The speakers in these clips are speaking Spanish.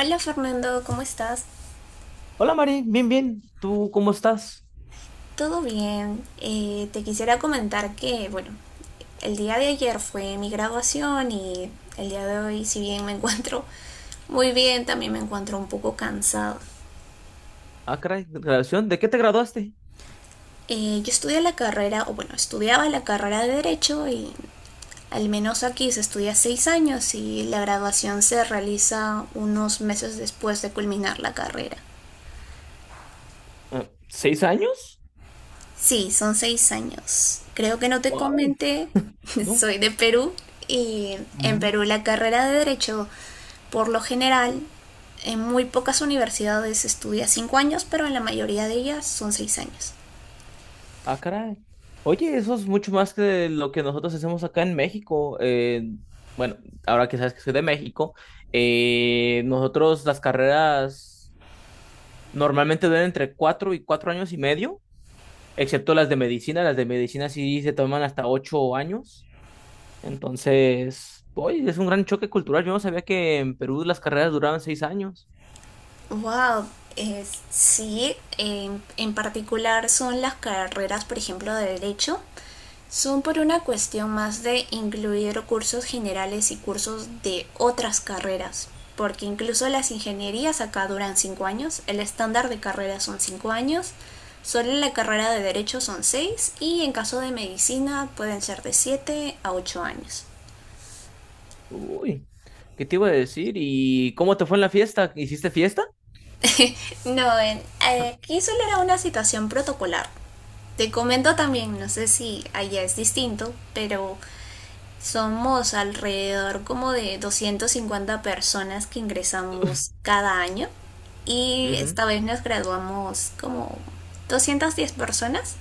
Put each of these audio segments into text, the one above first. Hola Fernando, ¿cómo estás? Hola Mari, bien, bien. ¿Tú cómo estás? ¿Todo bien? Te quisiera comentar que, bueno, el día de ayer fue mi graduación y el día de hoy, si bien me encuentro muy bien, también me encuentro un poco cansado. Ah, caray, graduación. ¿De qué te graduaste? Yo estudié la carrera, o bueno, estudiaba la carrera de Derecho y al menos aquí se estudia 6 años y la graduación se realiza unos meses después de culminar la carrera. Ah, ¿6 años? Sí, son 6 años. Creo que no te Wow, comenté, no. soy de Perú y en Ujú. Perú la carrera de Derecho, por lo general, en muy pocas universidades estudia 5 años, pero en la mayoría de ellas son 6 años. Ah, caray. Oye, eso es mucho más que lo que nosotros hacemos acá en México. Bueno, ahora que sabes que soy de México, nosotros las carreras normalmente duran entre 4 y 4 años y medio, excepto las de medicina. Las de medicina sí se toman hasta 8 años. Entonces, hoy es un gran choque cultural. Yo no sabía que en Perú las carreras duraban 6 años. Wow, eh, sí, en particular son las carreras, por ejemplo, de Derecho. Son por una cuestión más de incluir cursos generales y cursos de otras carreras, porque incluso las ingenierías acá duran 5 años, el estándar de carreras son 5 años, solo la carrera de derecho son 6 y en caso de medicina pueden ser de 7 a 8 años. Uy, ¿qué te iba a decir? ¿Y cómo te fue en la fiesta? ¿Hiciste fiesta? no, en, aquí solo era una situación protocolar. Te comento también, no sé si allá es distinto, pero somos alrededor como de 250 personas que ingresamos cada año y Ujú. esta vez nos graduamos como 210 personas,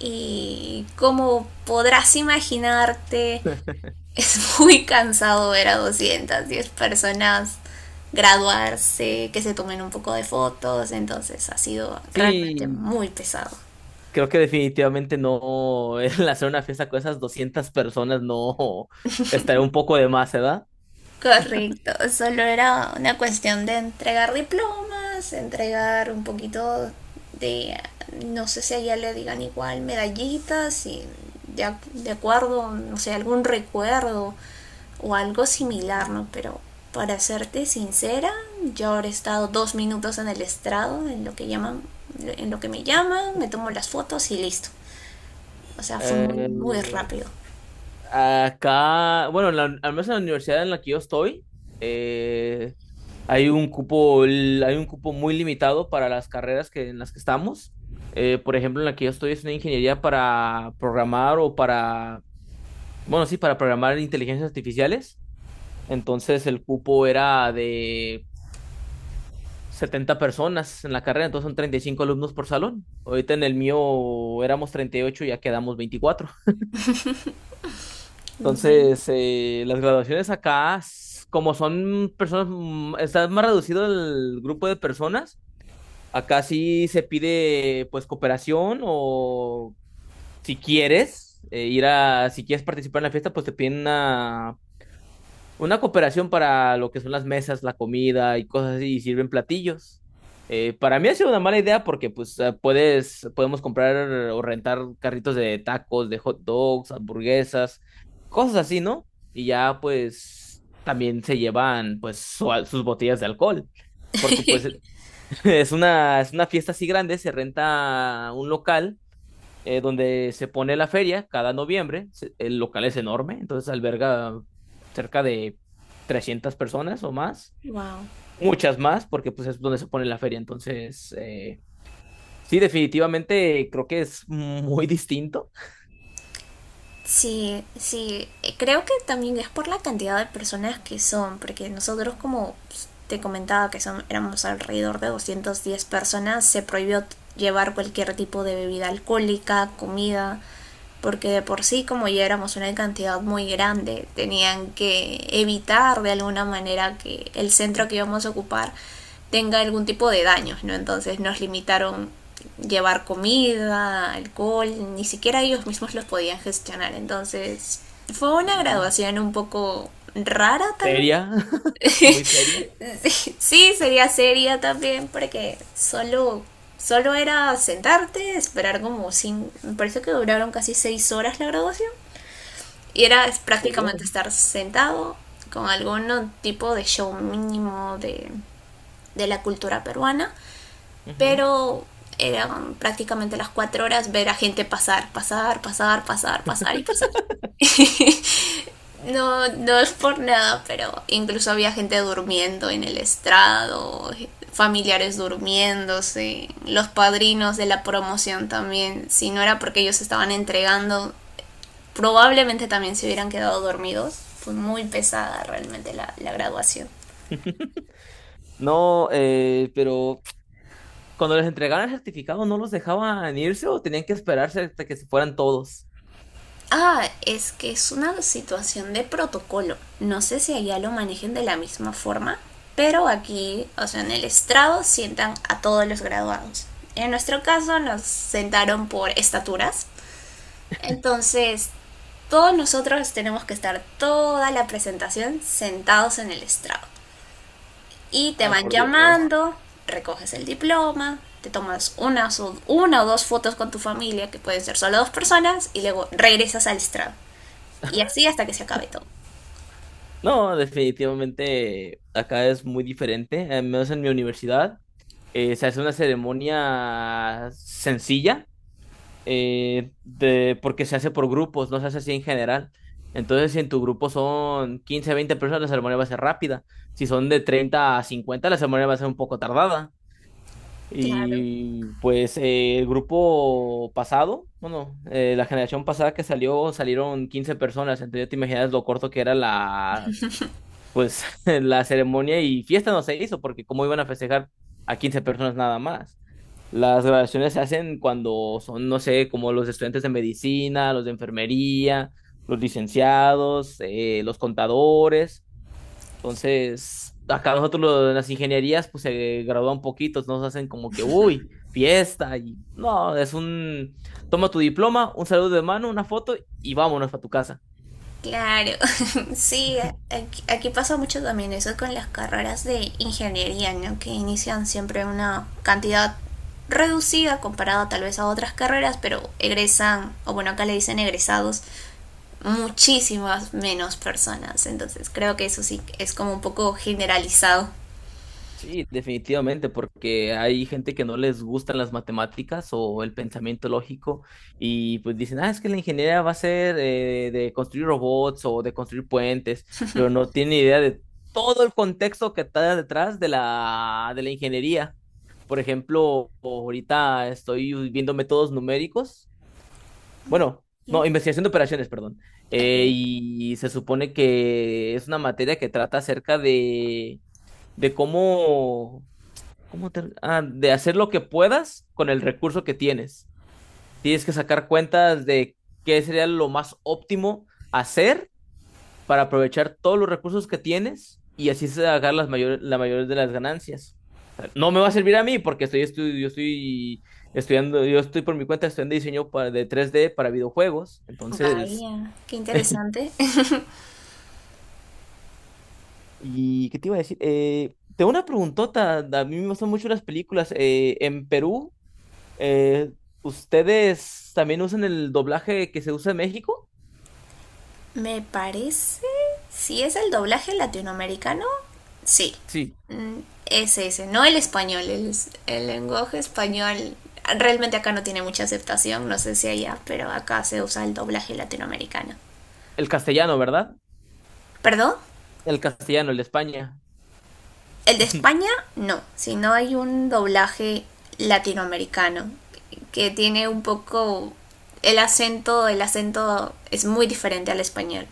y como podrás imaginarte es muy cansado ver a 210 personas graduarse, que se tomen un poco de fotos, entonces ha sido realmente Sí, muy pesado. creo que definitivamente no, el hacer una fiesta con esas 200 personas no estaría un poco de más, ¿verdad? Correcto, solo era una cuestión de entregar diplomas, entregar un poquito de, no sé si allá le digan igual, medallitas y de, de acuerdo, no sé, algún recuerdo o algo similar, ¿no? Mm, Pero para serte sincera, yo ahora he estado 2 minutos en el estrado, en lo que llaman, en lo que me llaman, me tomo las fotos y listo. O sea, fue muy, muy eh, rápido. Acá, bueno, al menos en la universidad en la que yo estoy, eh, Hay un cupo, hay un cupo muy limitado para las carreras que, en las que estamos. Por ejemplo, en la que yo estoy es una ingeniería para programar o para, bueno, sí, para programar inteligencias artificiales. Entonces el cupo era de 70 personas en la carrera, entonces son 35 alumnos por salón. Ahorita en el mío éramos 38 y ya quedamos 24. Entonces, las graduaciones acá, como son personas, está más reducido el grupo de personas. Acá sí se pide pues cooperación o si quieres participar en la fiesta, pues te piden una cooperación para lo que son las mesas, la comida y cosas así, y sirven platillos. Para mí ha sido una mala idea porque pues podemos comprar o rentar carritos de tacos, de hot dogs, hamburguesas, cosas así, ¿no? Y ya pues también se llevan pues sus botellas de alcohol. Porque pues es una fiesta así grande, se renta un local donde se pone la feria cada noviembre. El local es enorme, entonces alberga cerca de 300 personas o más, Wow. muchas más, porque pues es donde se pone la feria. Entonces, sí, definitivamente creo que es muy distinto Sí, sí, creo que también es por la cantidad de personas que son, porque nosotros, como pues, te comentaba que son, éramos alrededor de 210 personas, se prohibió llevar cualquier tipo de bebida alcohólica, comida, porque de por sí como ya éramos una cantidad muy grande, tenían que evitar de alguna manera que el centro que íbamos a ocupar tenga algún tipo de daños, ¿no? Entonces nos limitaron llevar comida, alcohol, ni siquiera ellos mismos los podían gestionar, entonces fue una y graduación un poco rara tal vez. seria, muy seria. Sí, sería seria también porque solo era sentarte, esperar como sin, me parece que duraron casi 6 horas la graduación y era es Ay, por Dios. prácticamente estar sentado con algún tipo de show mínimo de la cultura peruana, Ujú. pero eran prácticamente las 4 horas ver a gente pasar, pasar, pasar, pasar, pasar y pasar. No, no es por nada, pero incluso había gente durmiendo en el estrado, familiares durmiéndose, los padrinos de la promoción también, si no era porque ellos estaban entregando probablemente también se hubieran quedado dormidos. Fue muy pesada realmente la, la graduación. No, pero cuando les entregaban el certificado, ¿no los dejaban irse o tenían que esperarse hasta que se fueran todos? Ah, es que es una situación de protocolo. No sé si allá lo manejen de la misma forma, pero aquí, o sea, en el estrado sientan a todos los graduados. En nuestro caso nos sentaron por estaturas. Entonces, todos nosotros tenemos que estar toda la presentación sentados en el estrado. Y te Ay, van por Dios. llamando, recoges el diploma, te tomas una, una o dos fotos con tu familia, que pueden ser solo dos personas, y luego regresas al estrado. Y así hasta que se acabe todo. No, definitivamente acá es muy diferente. Al menos en mi universidad, se hace una ceremonia sencilla, porque se hace por grupos, no se hace así en general. Entonces, si en tu grupo son 15, 20 personas, la ceremonia va a ser rápida. Si son de 30 a 50 la ceremonia va a ser un poco tardada. Claro, Y pues el grupo pasado, bueno, la generación pasada que salió, salieron 15 personas, entonces ya te imaginas lo corto que era la pues la ceremonia. Y fiesta no se hizo porque cómo iban a festejar a 15 personas nada más. Las graduaciones se hacen cuando son, no sé, como los estudiantes de medicina, los de enfermería, los licenciados, los contadores. Entonces, acá nosotros en las ingenierías, pues se gradúan poquitos, nos hacen como que, uy, fiesta y no, es un, toma tu diploma, un saludo de mano, una foto y vámonos para tu casa. claro. Sí, aquí pasa mucho también eso con las carreras de ingeniería, ¿no? Que inician siempre una cantidad reducida comparada tal vez a otras carreras, pero egresan, o bueno, acá le dicen egresados, muchísimas menos personas. Entonces creo que eso sí es como un poco generalizado. Sí, definitivamente, porque hay gente que no les gustan las matemáticas o el pensamiento lógico y pues dicen, ah, es que la ingeniería va a ser de construir robots o de construir puentes, pero no tienen idea de todo el contexto que está detrás de la ingeniería. Por ejemplo, ahorita estoy viendo métodos numéricos, bueno, ¿Sí? no, investigación de operaciones, perdón. Okay. Y se supone que es una materia que trata acerca de cómo. ¿Cómo te- ah, de hacer lo que puedas con el recurso que tienes? Tienes que sacar cuentas de qué sería lo más óptimo hacer para aprovechar todos los recursos que tienes y así sacar las mayores, la mayor de las ganancias. O sea, no me va a servir a mí porque yo estoy estudiando, yo estoy por mi cuenta estudiando diseño para, de 3D para videojuegos. Entonces, Vaya, qué interesante. ¿y qué te iba a decir? Tengo una preguntota. A mí me gustan mucho las películas. En Perú. Eh, ¿Ustedes también usan el doblaje que se usa en México? Me parece, si es el doblaje latinoamericano, sí. Sí, Mm, es ese, no el español. El lenguaje español realmente acá no tiene mucha aceptación, no sé si allá, pero acá se usa el doblaje latinoamericano. el castellano, ¿verdad? ¿Perdón? El castellano, el de España. El de España no, sino hay un doblaje latinoamericano que tiene un poco el acento es muy diferente al español.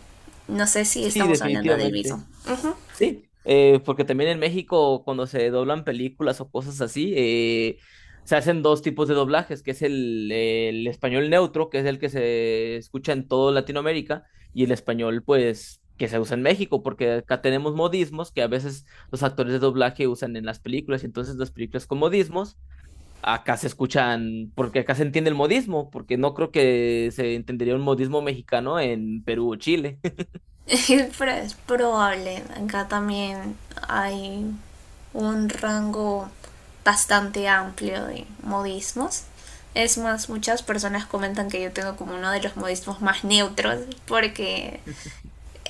No sé si Sí, estamos hablando del mismo. definitivamente. Ujú. Sí, porque también en México cuando se doblan películas o cosas así, se hacen dos tipos de doblajes, que es el español neutro, que es el que se escucha en toda Latinoamérica, y el español, pues, que se usa en México, porque acá tenemos modismos que a veces los actores de doblaje usan en las películas, y entonces las películas con modismos acá se escuchan, porque acá se entiende el modismo, porque no creo que se entendería un modismo mexicano en Perú o Chile. Pero es probable. Acá también hay un rango bastante amplio de modismos. Es más, muchas personas comentan que yo tengo como uno de los modismos más neutros porque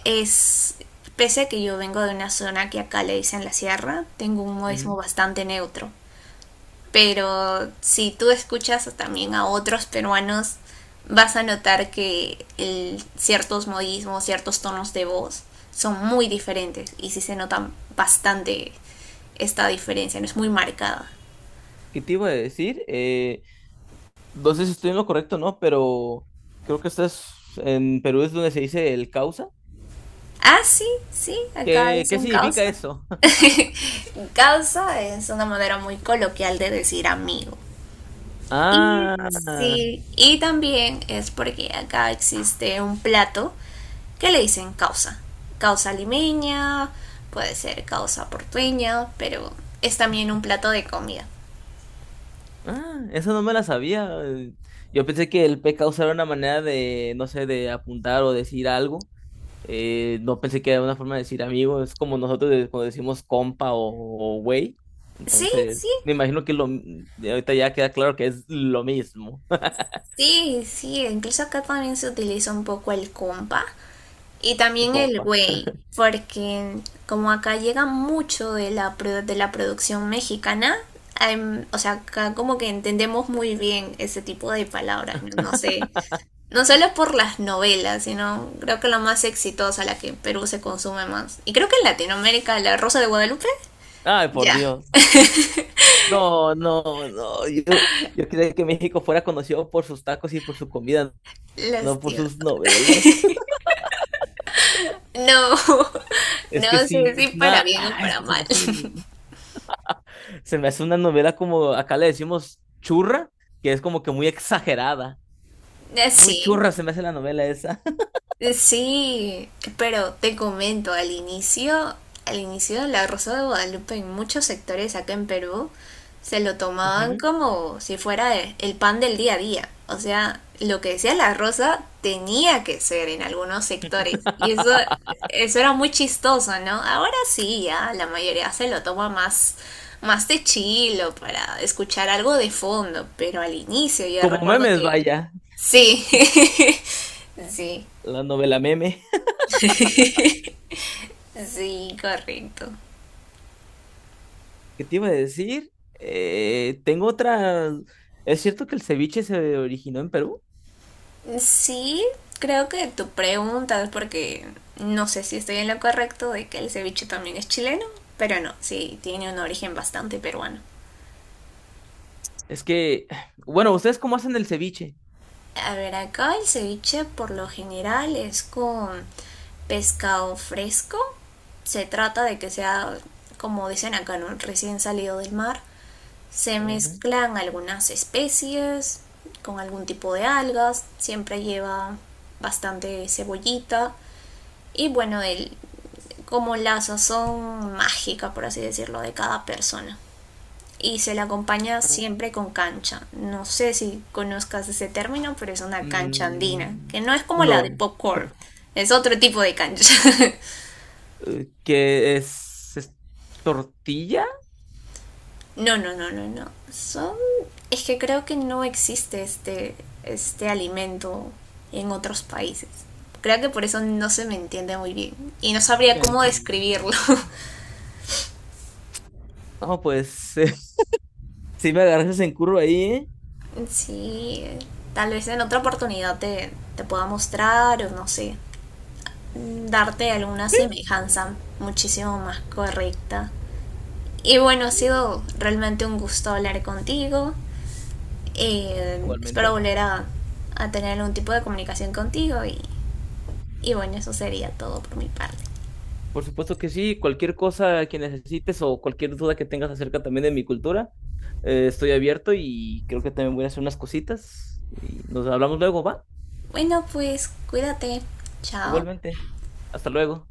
es, pese a que yo vengo de una zona que acá le dicen la sierra, tengo un modismo Ujú. bastante neutro. Pero si tú escuchas también a otros peruanos, vas a notar que el, ciertos modismos, ciertos tonos de voz son muy diferentes y sí se nota bastante esta diferencia, no es muy marcada. ¿Qué te iba a decir? No sé si estoy en lo correcto, ¿no? Pero creo que estás en Perú es donde se dice el causa. Ah, sí, sí, acá ¿Qué dicen significa causa. eso? Causa es una manera muy coloquial de decir amigo. Y Ah, sí, y también es porque acá existe un plato que le dicen causa. Causa limeña, puede ser causa portueña, pero es también un plato de comida. ah, eso no me la sabía. Yo pensé que el P causa era una manera de, no sé, de apuntar o decir algo. No pensé que era una forma de decir amigo, es como nosotros cuando decimos compa o güey. Sí, sí, Entonces, me imagino que lo, de ahorita ya queda claro que es lo mismo, sí, sí, incluso acá también se utiliza un poco el compa, y también el compa. güey, porque como acá llega mucho de la, de la producción mexicana, o sea, acá como que entendemos muy bien ese tipo de palabras, no, no sé. No solo por las novelas, sino creo que la más exitosa, la que en Perú se consume más. Y creo que en Latinoamérica, La Rosa de Guadalupe, Ay, por ya, Dios. No, no, no. Yo creía que México fuera conocido por sus tacos y por su comida, no por lastimoso. sus novelas. No, Es que no sí, sé si es para una, bien o ah, es para que se me mal. hace, se me hace una novela como acá le decimos churra, que es como que muy exagerada. Muy Sí, churra se me hace la novela esa. Sí, pero te comento, al inicio la Rosa de Guadalupe en muchos sectores acá en Perú se lo tomaban Ujú. como si fuera el pan del día a día. O sea, lo que decía la Rosa tenía que ser en algunos sectores. Y eso, eso era muy chistoso, ¿no? Ahora sí, ya la mayoría se lo toma más, más de chilo para escuchar algo de fondo, pero al inicio yo Como recuerdo memes, que vaya, sí, sí. la novela meme. Sí, correcto. ¿Qué te iba a decir? Tengo otra. ¿Es cierto que el ceviche se originó en Perú? Sí, creo que tu pregunta, porque no sé si estoy en lo correcto de que el ceviche también es chileno, pero no, sí, tiene un origen bastante peruano. Es que, bueno, ¿ustedes cómo hacen el ceviche? A ver, acá el ceviche por lo general es con pescado fresco. Se trata de que sea, como dicen acá, ¿no? Recién salido del mar. Se Ujú. mezclan algunas especies con algún tipo de algas. Siempre lleva bastante cebollita y bueno, el, como la sazón mágica, por así decirlo, de cada persona. Y se la acompaña Ah, siempre con cancha. No sé si conozcas ese término, pero es una cancha andina, mm, que no es como la de no, popcorn, es otro tipo de cancha. ¿Qué es? ¿Es tortilla? No, no, no, no, no. Son... Es que creo que no existe este, este alimento en otros países. Creo que por eso no se me entiende muy bien y no sabría cómo describirlo. Canchandina. No, pues sí me agarras en curva ahí, ¿eh? Sí, tal vez en otra oportunidad te, te pueda mostrar o no sé, darte alguna semejanza muchísimo más correcta. Y bueno, ha sido realmente un gusto hablar contigo. Espero Igualmente. volver a tener algún tipo de comunicación contigo y bueno, eso sería todo por mi parte. Por supuesto que sí, cualquier cosa que necesites o cualquier duda que tengas acerca también de mi cultura, estoy abierto y creo que también voy a hacer unas cositas y nos hablamos luego, ¿va? Bueno, pues cuídate. Chao. Igualmente. Hasta luego.